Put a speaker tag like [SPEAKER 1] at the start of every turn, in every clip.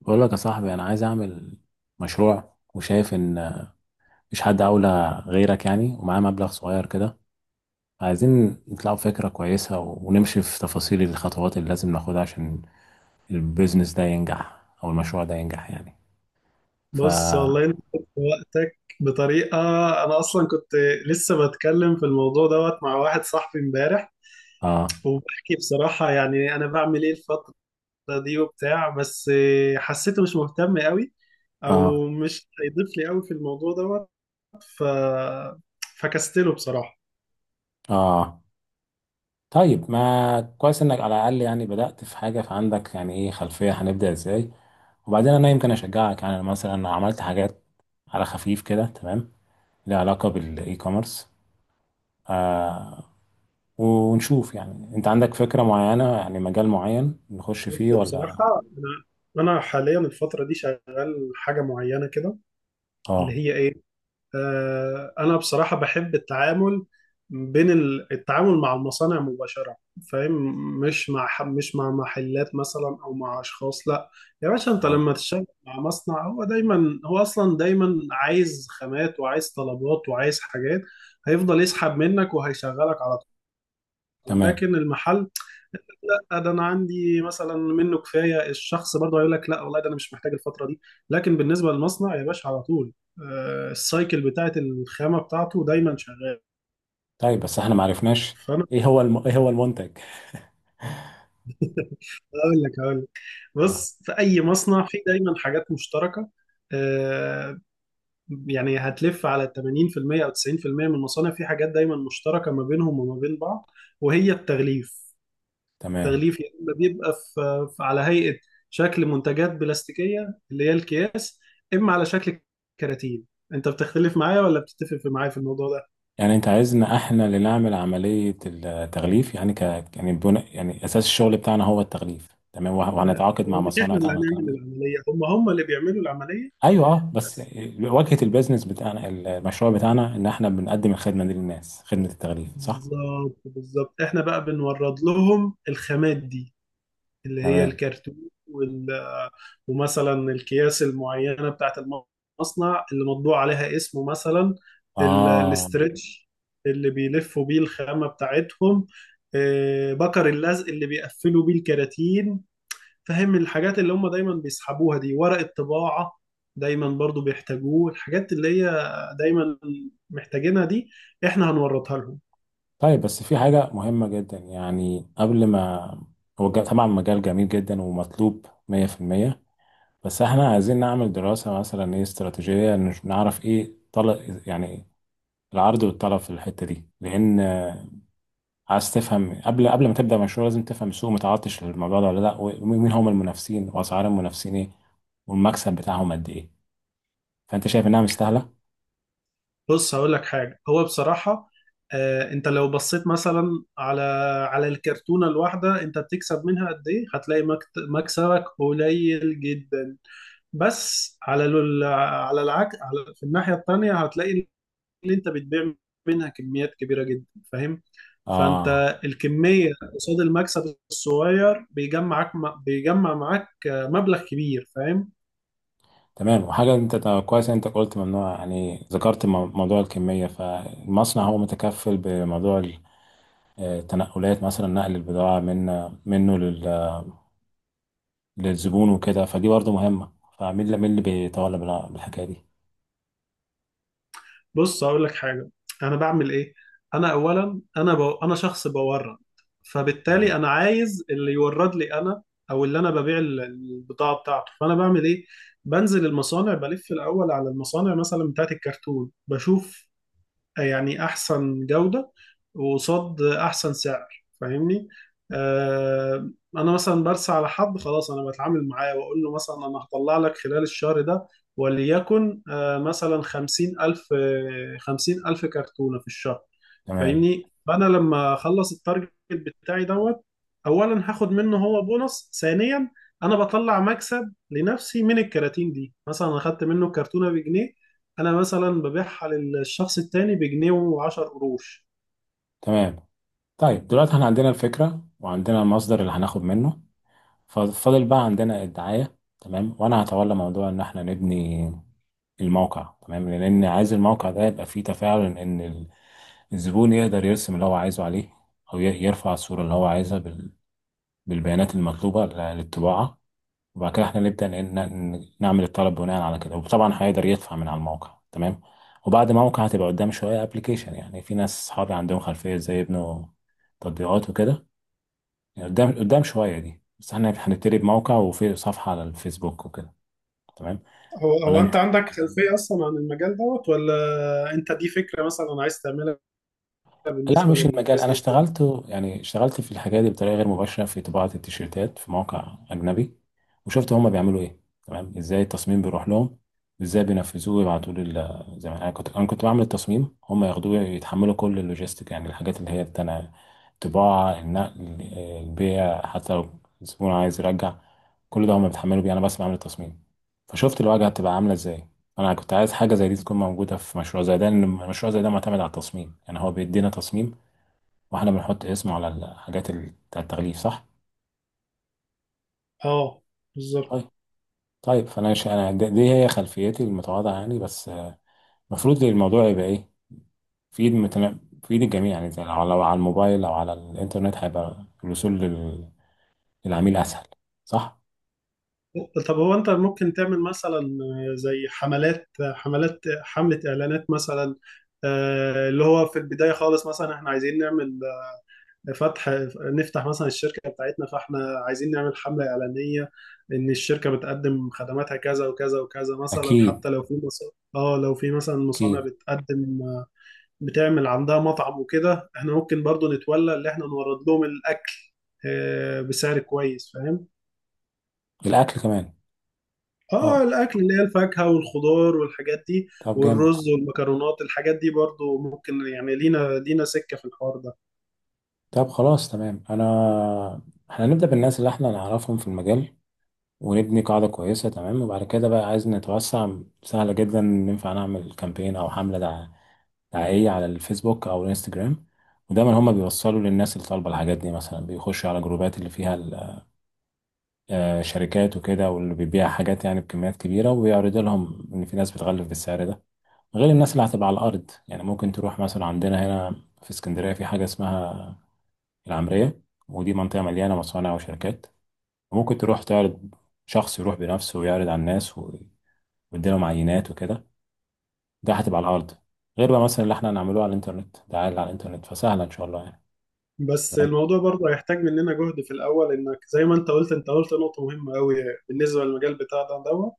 [SPEAKER 1] بقول لك يا صاحبي، انا عايز اعمل مشروع وشايف ان مش حد اولى غيرك يعني، ومعاه مبلغ صغير كده. عايزين نطلعوا فكرة كويسة ونمشي في تفاصيل الخطوات اللي لازم ناخدها عشان البيزنس ده ينجح او المشروع ده ينجح يعني. ف
[SPEAKER 2] بص والله انت خدت وقتك بطريقه. انا اصلا كنت لسه بتكلم في الموضوع دوت مع واحد صاحبي امبارح، وبحكي بصراحه يعني انا بعمل ايه الفتره دي وبتاع، بس حسيته مش مهتم قوي
[SPEAKER 1] اه
[SPEAKER 2] او مش هيضيف لي قوي في الموضوع دوت. ف فكستله بصراحه.
[SPEAKER 1] اه طيب، ما كويس انك على الاقل يعني بدأت في حاجة. فعندك يعني ايه خلفية؟ هنبدأ ازاي؟ وبعدين انا يمكن اشجعك، يعني أنا مثلا عملت حاجات على خفيف كده، تمام؟ ليها علاقة بالاي كوميرس. ونشوف يعني انت عندك فكرة معينة يعني مجال معين نخش فيه
[SPEAKER 2] بس
[SPEAKER 1] ولا.
[SPEAKER 2] بصراحه انا حاليا الفتره دي شغال حاجه معينه كده، اللي
[SPEAKER 1] اه.
[SPEAKER 2] هي ايه؟ انا بصراحه بحب التعامل بين التعامل مع المصانع مباشره، فاهم؟ مش مع محلات مثلا او مع اشخاص، لا. يا باشا انت
[SPEAKER 1] اه،
[SPEAKER 2] لما تشتغل مع مصنع، هو دايما، هو اصلا دايما عايز خامات وعايز طلبات وعايز حاجات، هيفضل يسحب منك وهيشغلك على طول.
[SPEAKER 1] تمام.
[SPEAKER 2] لكن المحل لا، ده انا عندي مثلا منه كفايه، الشخص برضه هيقول لك لا والله ده انا مش محتاج الفتره دي. لكن بالنسبه للمصنع يا باشا على طول، السايكل بتاعت الخامه بتاعته دايما شغال.
[SPEAKER 1] طيب بس احنا ما عرفناش
[SPEAKER 2] فانا
[SPEAKER 1] ايه هو ايه هو المنتج؟
[SPEAKER 2] هقول لك،
[SPEAKER 1] اه،
[SPEAKER 2] بص في اي مصنع في دايما حاجات مشتركه. آه، يعني هتلف على 80% او 90% من المصانع، في حاجات دايما مشتركه ما بينهم وما بين بعض، وهي التغليف.
[SPEAKER 1] تمام.
[SPEAKER 2] التغليف يا اما بيبقى على هيئه شكل منتجات بلاستيكيه اللي هي الكياس، اما على شكل كراتين. انت بتختلف معايا ولا بتتفق معايا في الموضوع ده؟
[SPEAKER 1] يعني انت عايزنا احنا اللي نعمل عملية التغليف، يعني ك يعني بناء، يعني اساس الشغل بتاعنا هو التغليف، تمام؟
[SPEAKER 2] لا،
[SPEAKER 1] وهنتعاقد مع
[SPEAKER 2] هو مش
[SPEAKER 1] مصانع
[SPEAKER 2] احنا اللي
[SPEAKER 1] تعمل الكلام
[SPEAKER 2] هنعمل
[SPEAKER 1] ده.
[SPEAKER 2] العمليه، هم اللي بيعملوا العمليه،
[SPEAKER 1] ايوه، اه، بس
[SPEAKER 2] بس.
[SPEAKER 1] واجهة البيزنس بتاعنا، المشروع بتاعنا، ان احنا بنقدم الخدمة دي للناس، خدمة التغليف، صح؟
[SPEAKER 2] بالظبط بالظبط، احنا بقى بنورد لهم الخامات دي اللي هي
[SPEAKER 1] تمام.
[SPEAKER 2] الكرتون وال... ومثلا الأكياس المعينة بتاعت المصنع اللي مطبوع عليها اسمه مثلا،
[SPEAKER 1] اه.
[SPEAKER 2] الاسترتش اللي بيلفوا بيه الخامة بتاعتهم، بكر اللزق اللي بيقفلوا بيه الكراتين. فاهم الحاجات اللي هم دايما بيسحبوها دي؟ ورق الطباعة دايما برضو بيحتاجوه، الحاجات اللي هي دايما محتاجينها دي احنا هنورطها لهم.
[SPEAKER 1] طيب، بس في حاجة مهمة جدا يعني قبل ما هو طبعا مجال جميل جدا ومطلوب 100%، بس احنا عايزين نعمل دراسة مثلا ايه استراتيجية، نعرف ايه طلب يعني العرض والطلب في الحتة دي. لأن عايز تفهم، قبل ما تبدأ مشروع لازم تفهم السوق متعطش للموضوع ده ولا لا، ومين هم المنافسين، وأسعار المنافسين ايه، والمكسب بتاعهم قد ايه. فأنت شايف إنها مستاهلة؟
[SPEAKER 2] بص هقول لك حاجة، هو بصراحة انت لو بصيت مثلا على على الكرتونة الواحدة انت بتكسب منها قد ايه، هتلاقي مكسبك قليل جدا. بس على على العكس، على في الناحية التانية هتلاقي ان انت بتبيع منها كميات كبيرة جدا، فاهم؟
[SPEAKER 1] آه.
[SPEAKER 2] فانت الكمية قصاد المكسب الصغير بيجمعك، بيجمع معاك مبلغ كبير، فاهم؟
[SPEAKER 1] تمام. وحاجة انت، طب كويس انت قلت ممنوع، يعني ذكرت موضوع الكمية. فالمصنع هو متكفل بموضوع التنقلات، مثلا نقل البضاعة من منه للزبون وكده، فدي برضه مهمة. فمين اللي، مين اللي بيتولى بالحكاية دي؟
[SPEAKER 2] بص هقول لك حاجه، انا بعمل ايه؟ انا اولا انا شخص بورد،
[SPEAKER 1] تمام.
[SPEAKER 2] فبالتالي انا عايز اللي يورد لي انا، او اللي انا ببيع البضاعه بتاعته. فانا بعمل ايه؟ بنزل المصانع، بلف الاول على المصانع مثلا بتاعت الكرتون، بشوف يعني احسن جودة وقصاد احسن سعر، فاهمني؟ آه انا مثلا برسى على حد، خلاص انا بتعامل معاه واقول له مثلا انا هطلع لك خلال الشهر ده، وليكن مثلا خمسين الف، خمسين الف كرتونة في الشهر،
[SPEAKER 1] تمام.
[SPEAKER 2] فاهمني؟ فانا لما اخلص التارجت بتاعي دوت، اولا هاخد منه هو بونص، ثانيا انا بطلع مكسب لنفسي من الكراتين دي. مثلا اخدت منه كرتونه بجنيه، انا مثلا ببيعها للشخص التاني بجنيه وعشر قروش.
[SPEAKER 1] تمام. طيب، دلوقتي احنا عندنا الفكرة، وعندنا المصدر اللي هناخد منه، ففاضل بقى عندنا الدعاية، تمام؟ وانا هتولى موضوع ان احنا نبني الموقع، تمام؟ لان عايز الموقع ده يبقى فيه تفاعل ان الزبون يقدر يرسم اللي هو عايزه عليه، أو يرفع الصورة اللي هو عايزها بالبيانات المطلوبة للطباعة، وبعد كده احنا نبدأ نعمل الطلب بناء على كده. وطبعا هيقدر يدفع من على الموقع، تمام؟ وبعد موقع هتبقى قدام شوية ابلكيشن، يعني في ناس صحابي عندهم خلفية زي يبنوا تطبيقات وكده، يعني قدام، شوية دي، بس احنا هنبتدي بموقع وفي صفحة على الفيسبوك وكده، تمام.
[SPEAKER 2] هو
[SPEAKER 1] ولا
[SPEAKER 2] هو انت
[SPEAKER 1] انت،
[SPEAKER 2] عندك خلفية اصلا عن المجال دوت، ولا انت دي فكرة مثلا عايز تعملها
[SPEAKER 1] لا
[SPEAKER 2] بالنسبة
[SPEAKER 1] مش المجال. انا
[SPEAKER 2] للبيزنس ده؟
[SPEAKER 1] اشتغلت يعني، اشتغلت في الحاجات دي بطريقه غير مباشره في طباعه التيشيرتات في موقع اجنبي، وشفت هما بيعملوا ايه، تمام؟ ازاي التصميم بيروح لهم وازاي بينفذوه ويبعتوا لي ال، زي ما انا كنت، بعمل التصميم هما ياخدوه يتحملوا كل اللوجيستيك، يعني الحاجات اللي هي بتاع الطباعه، النقل، البيع، حتى لو الزبون عايز يرجع كل ده هما بيتحملوا بيه، انا بس بعمل التصميم. فشفت الواجهه بتبقى عامله ازاي. انا كنت عايز حاجه زي دي تكون موجوده في مشروع زي ده، لان المشروع زي ده معتمد على التصميم يعني. هو بيدينا تصميم واحنا بنحط اسمه على الحاجات بتاع التغليف، صح؟
[SPEAKER 2] اه، بالظبط.
[SPEAKER 1] طيب. طيب، انا دي هي خلفيتي المتواضعه يعني، بس آه، المفروض الموضوع يبقى ايه في ايد في ايد الجميع يعني، زي لو، على الموبايل او على الانترنت هيبقى الوصول للعميل اسهل، صح؟
[SPEAKER 2] طب هو انت ممكن تعمل مثلا زي حملات حملات حملة اعلانات مثلا، اللي هو في البداية خالص مثلا احنا عايزين نعمل فتح، نفتح مثلا الشركة بتاعتنا، فاحنا عايزين نعمل حملة إعلانية إن الشركة بتقدم خدماتها كذا وكذا وكذا مثلا،
[SPEAKER 1] اكيد.
[SPEAKER 2] حتى لو اه لو في مثلا مصانع
[SPEAKER 1] اكيد.
[SPEAKER 2] بتقدم، بتعمل عندها مطعم وكده، احنا ممكن برضو نتولى اللي احنا نورد لهم الأكل، بسعر كويس، فاهم؟
[SPEAKER 1] الاكل كمان. اه،
[SPEAKER 2] اه، الأكل اللي هي الفاكهة والخضار والحاجات دي
[SPEAKER 1] طب جامد.
[SPEAKER 2] والرز والمكرونات، الحاجات دي برضو ممكن يعني لينا لينا سكة في الحوار ده.
[SPEAKER 1] طب خلاص، تمام. احنا هنبدأ بالناس اللي احنا نعرفهم في المجال، ونبني قاعدة كويسة، تمام؟ وبعد كده بقى عايز نتوسع. سهلة جدا، ننفع نعمل كامبين أو حملة دعائية على الفيسبوك أو الانستجرام، ودايما هما بيوصلوا للناس اللي طالبة الحاجات دي. مثلا بيخشوا على جروبات اللي فيها شركات وكده، واللي بيبيع حاجات يعني بكميات كبيرة، وبيعرضوا لهم إن في ناس بتغلف بالسعر ده. غير الناس اللي هتبقى على الأرض، يعني ممكن تروح مثلا عندنا هنا في اسكندرية في حاجة اسمها العمرية، ودي منطقة مليانة مصانع وشركات، ممكن تروح تعرض، شخص يروح بنفسه ويعرض على الناس واديلهم عينات وكده. ده هتبقى على الارض، غير بقى مثلا اللي احنا هنعمله على الانترنت. ده عادي، على الانترنت فسهله ان شاء الله يعني.
[SPEAKER 2] بس الموضوع برضه هيحتاج مننا جهد في الأول، إنك زي ما أنت قلت، أنت قلت نقطة مهمة أوي بالنسبة للمجال بتاع ده دوت.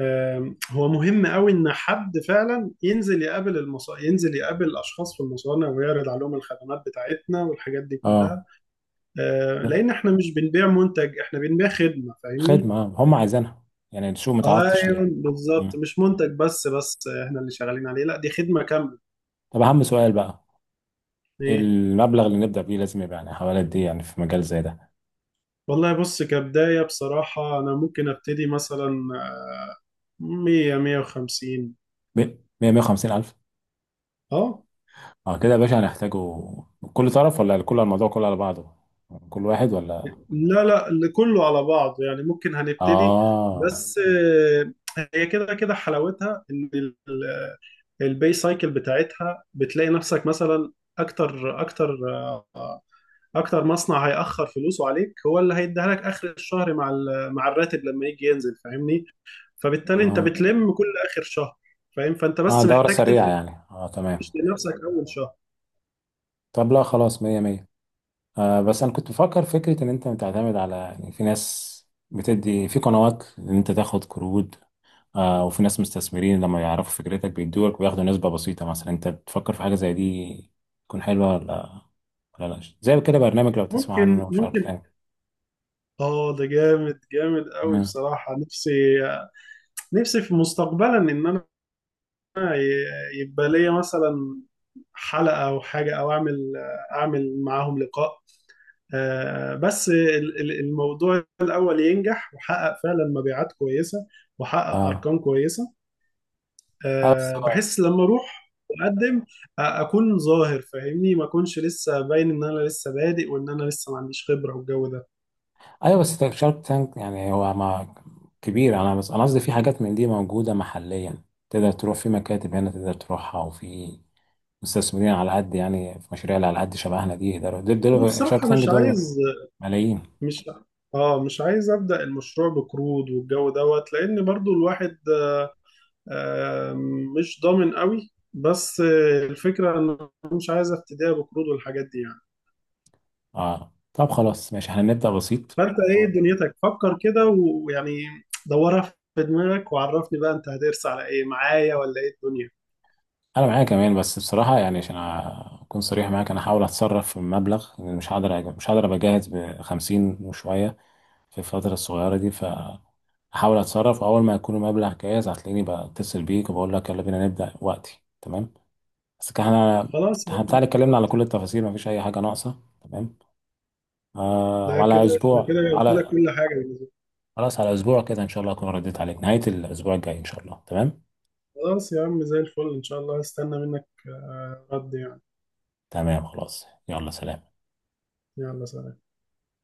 [SPEAKER 2] هو مهم أوي إن حد فعلا ينزل يقابل ينزل يقابل أشخاص في المصانع ويعرض عليهم الخدمات بتاعتنا والحاجات دي
[SPEAKER 1] اه.
[SPEAKER 2] كلها، لأن إحنا مش بنبيع منتج، إحنا بنبيع خدمة، فاهمني؟
[SPEAKER 1] خدمه، آه. هم عايزينها، يعني السوق متعطش ليه.
[SPEAKER 2] أيوه بالظبط،
[SPEAKER 1] مم.
[SPEAKER 2] مش منتج بس إحنا اللي شغالين عليه، لا دي خدمة كاملة.
[SPEAKER 1] طب اهم سؤال بقى،
[SPEAKER 2] إيه؟
[SPEAKER 1] المبلغ اللي نبدا بيه لازم يبقى يعني حوالي قد ايه يعني في مجال زي ده؟
[SPEAKER 2] والله بص، كبداية بصراحة أنا ممكن أبتدي مثلا 100 150.
[SPEAKER 1] 100 150 الف؟
[SPEAKER 2] اه،
[SPEAKER 1] اه كده يا باشا هنحتاجه؟ كل طرف ولا كل الموضوع كله على بعضه؟ كل واحد ولا؟
[SPEAKER 2] لا لا، اللي كله على بعضه يعني، ممكن هنبتدي.
[SPEAKER 1] اه.
[SPEAKER 2] بس هي كده كده حلاوتها، ان البي سايكل بتاعتها، بتلاقي نفسك مثلا اكتر اكتر اكتر مصنع هيأخر فلوسه عليك هو اللي هيديها لك اخر الشهر مع مع الراتب لما يجي ينزل، فاهمني؟ فبالتالي انت
[SPEAKER 1] اه,
[SPEAKER 2] بتلم كل اخر شهر، فاهم؟ فانت
[SPEAKER 1] آه،
[SPEAKER 2] بس
[SPEAKER 1] دورة
[SPEAKER 2] محتاج
[SPEAKER 1] سريعة يعني،
[SPEAKER 2] تفرش
[SPEAKER 1] اه تمام.
[SPEAKER 2] لنفسك اول شهر.
[SPEAKER 1] طب لا خلاص، مية مية. آه، بس انا كنت بفكر فكره ان انت بتعتمد على، يعني في ناس بتدي في قنوات ان انت تاخد قروض، آه، وفي ناس مستثمرين لما يعرفوا فكرتك بيدولك وياخدوا نسبه بسيطه. مثلا انت بتفكر في حاجه زي دي تكون حلوه ولا ولا لا؟ زي كده برنامج، لو تسمع
[SPEAKER 2] ممكن،
[SPEAKER 1] عنه، شارك
[SPEAKER 2] ممكن.
[SPEAKER 1] تانك.
[SPEAKER 2] اه ده جامد، جامد قوي
[SPEAKER 1] اه.
[SPEAKER 2] بصراحة. نفسي، نفسي في مستقبلا ان انا يبقى ليا مثلا حلقة او حاجة، او اعمل، معاهم لقاء، بس الموضوع الاول ينجح وحقق فعلا مبيعات كويسة وحقق
[SPEAKER 1] اه.
[SPEAKER 2] ارقام كويسة.
[SPEAKER 1] آه، بس هو،
[SPEAKER 2] بحس لما اروح اقدم اكون ظاهر، فاهمني؟ ما اكونش لسه باين ان انا لسه بادئ، وان انا لسه ما عنديش خبرة والجو ده.
[SPEAKER 1] ايوه بس شارك تانك يعني هو ما كبير انا، بس انا قصدي في حاجات من دي موجوده محليا. تقدر تروح في مكاتب هنا تقدر تروحها، وفي مستثمرين على قد يعني في مشاريع اللي على قد شبهنا دي يقدروا، دول، دول شارك
[SPEAKER 2] وبصراحة
[SPEAKER 1] تانك دول ملايين.
[SPEAKER 2] مش اه مش عايز ابدا المشروع بقروض والجو دوت، لان برضو الواحد آم، مش ضامن قوي. بس الفكرة ان أنا مش عايز افتديها بقروض والحاجات دي يعني.
[SPEAKER 1] اه، طب خلاص، ماشي، احنا نبدا بسيط.
[SPEAKER 2] فانت ايه دنيتك؟ فكر كده ويعني دورها في دماغك، وعرفني بقى انت هترسى على ايه معايا ولا ايه الدنيا.
[SPEAKER 1] انا معايا كمان، بس بصراحه يعني عشان اكون صريح معاك، انا هحاول اتصرف في المبلغ، لأن مش هقدر مش هقدر ابقى جاهز ب 50 وشويه في الفتره الصغيره دي. احاول اتصرف، اول ما يكون المبلغ جاهز هتلاقيني بتصل بيك وبقول لك يلا بينا نبدا وقتي، تمام؟ بس كان احنا،
[SPEAKER 2] خلاص يا
[SPEAKER 1] إحنا
[SPEAKER 2] عم،
[SPEAKER 1] بتاع اتكلمنا على كل التفاصيل، مفيش اي حاجه ناقصه، تمام؟ آه،
[SPEAKER 2] ده
[SPEAKER 1] وعلى
[SPEAKER 2] كده، ده
[SPEAKER 1] اسبوع،
[SPEAKER 2] كده قلت لك
[SPEAKER 1] على،
[SPEAKER 2] كل حاجة بالنسبة لي.
[SPEAKER 1] خلاص على اسبوع كده ان شاء الله اكون رديت عليك نهايه الاسبوع الجاي ان شاء الله، تمام.
[SPEAKER 2] خلاص يا عم، زي الفل ان شاء الله، هستنى منك رد يعني.
[SPEAKER 1] تمام، خلاص، يلا سلام.
[SPEAKER 2] يلا سلام.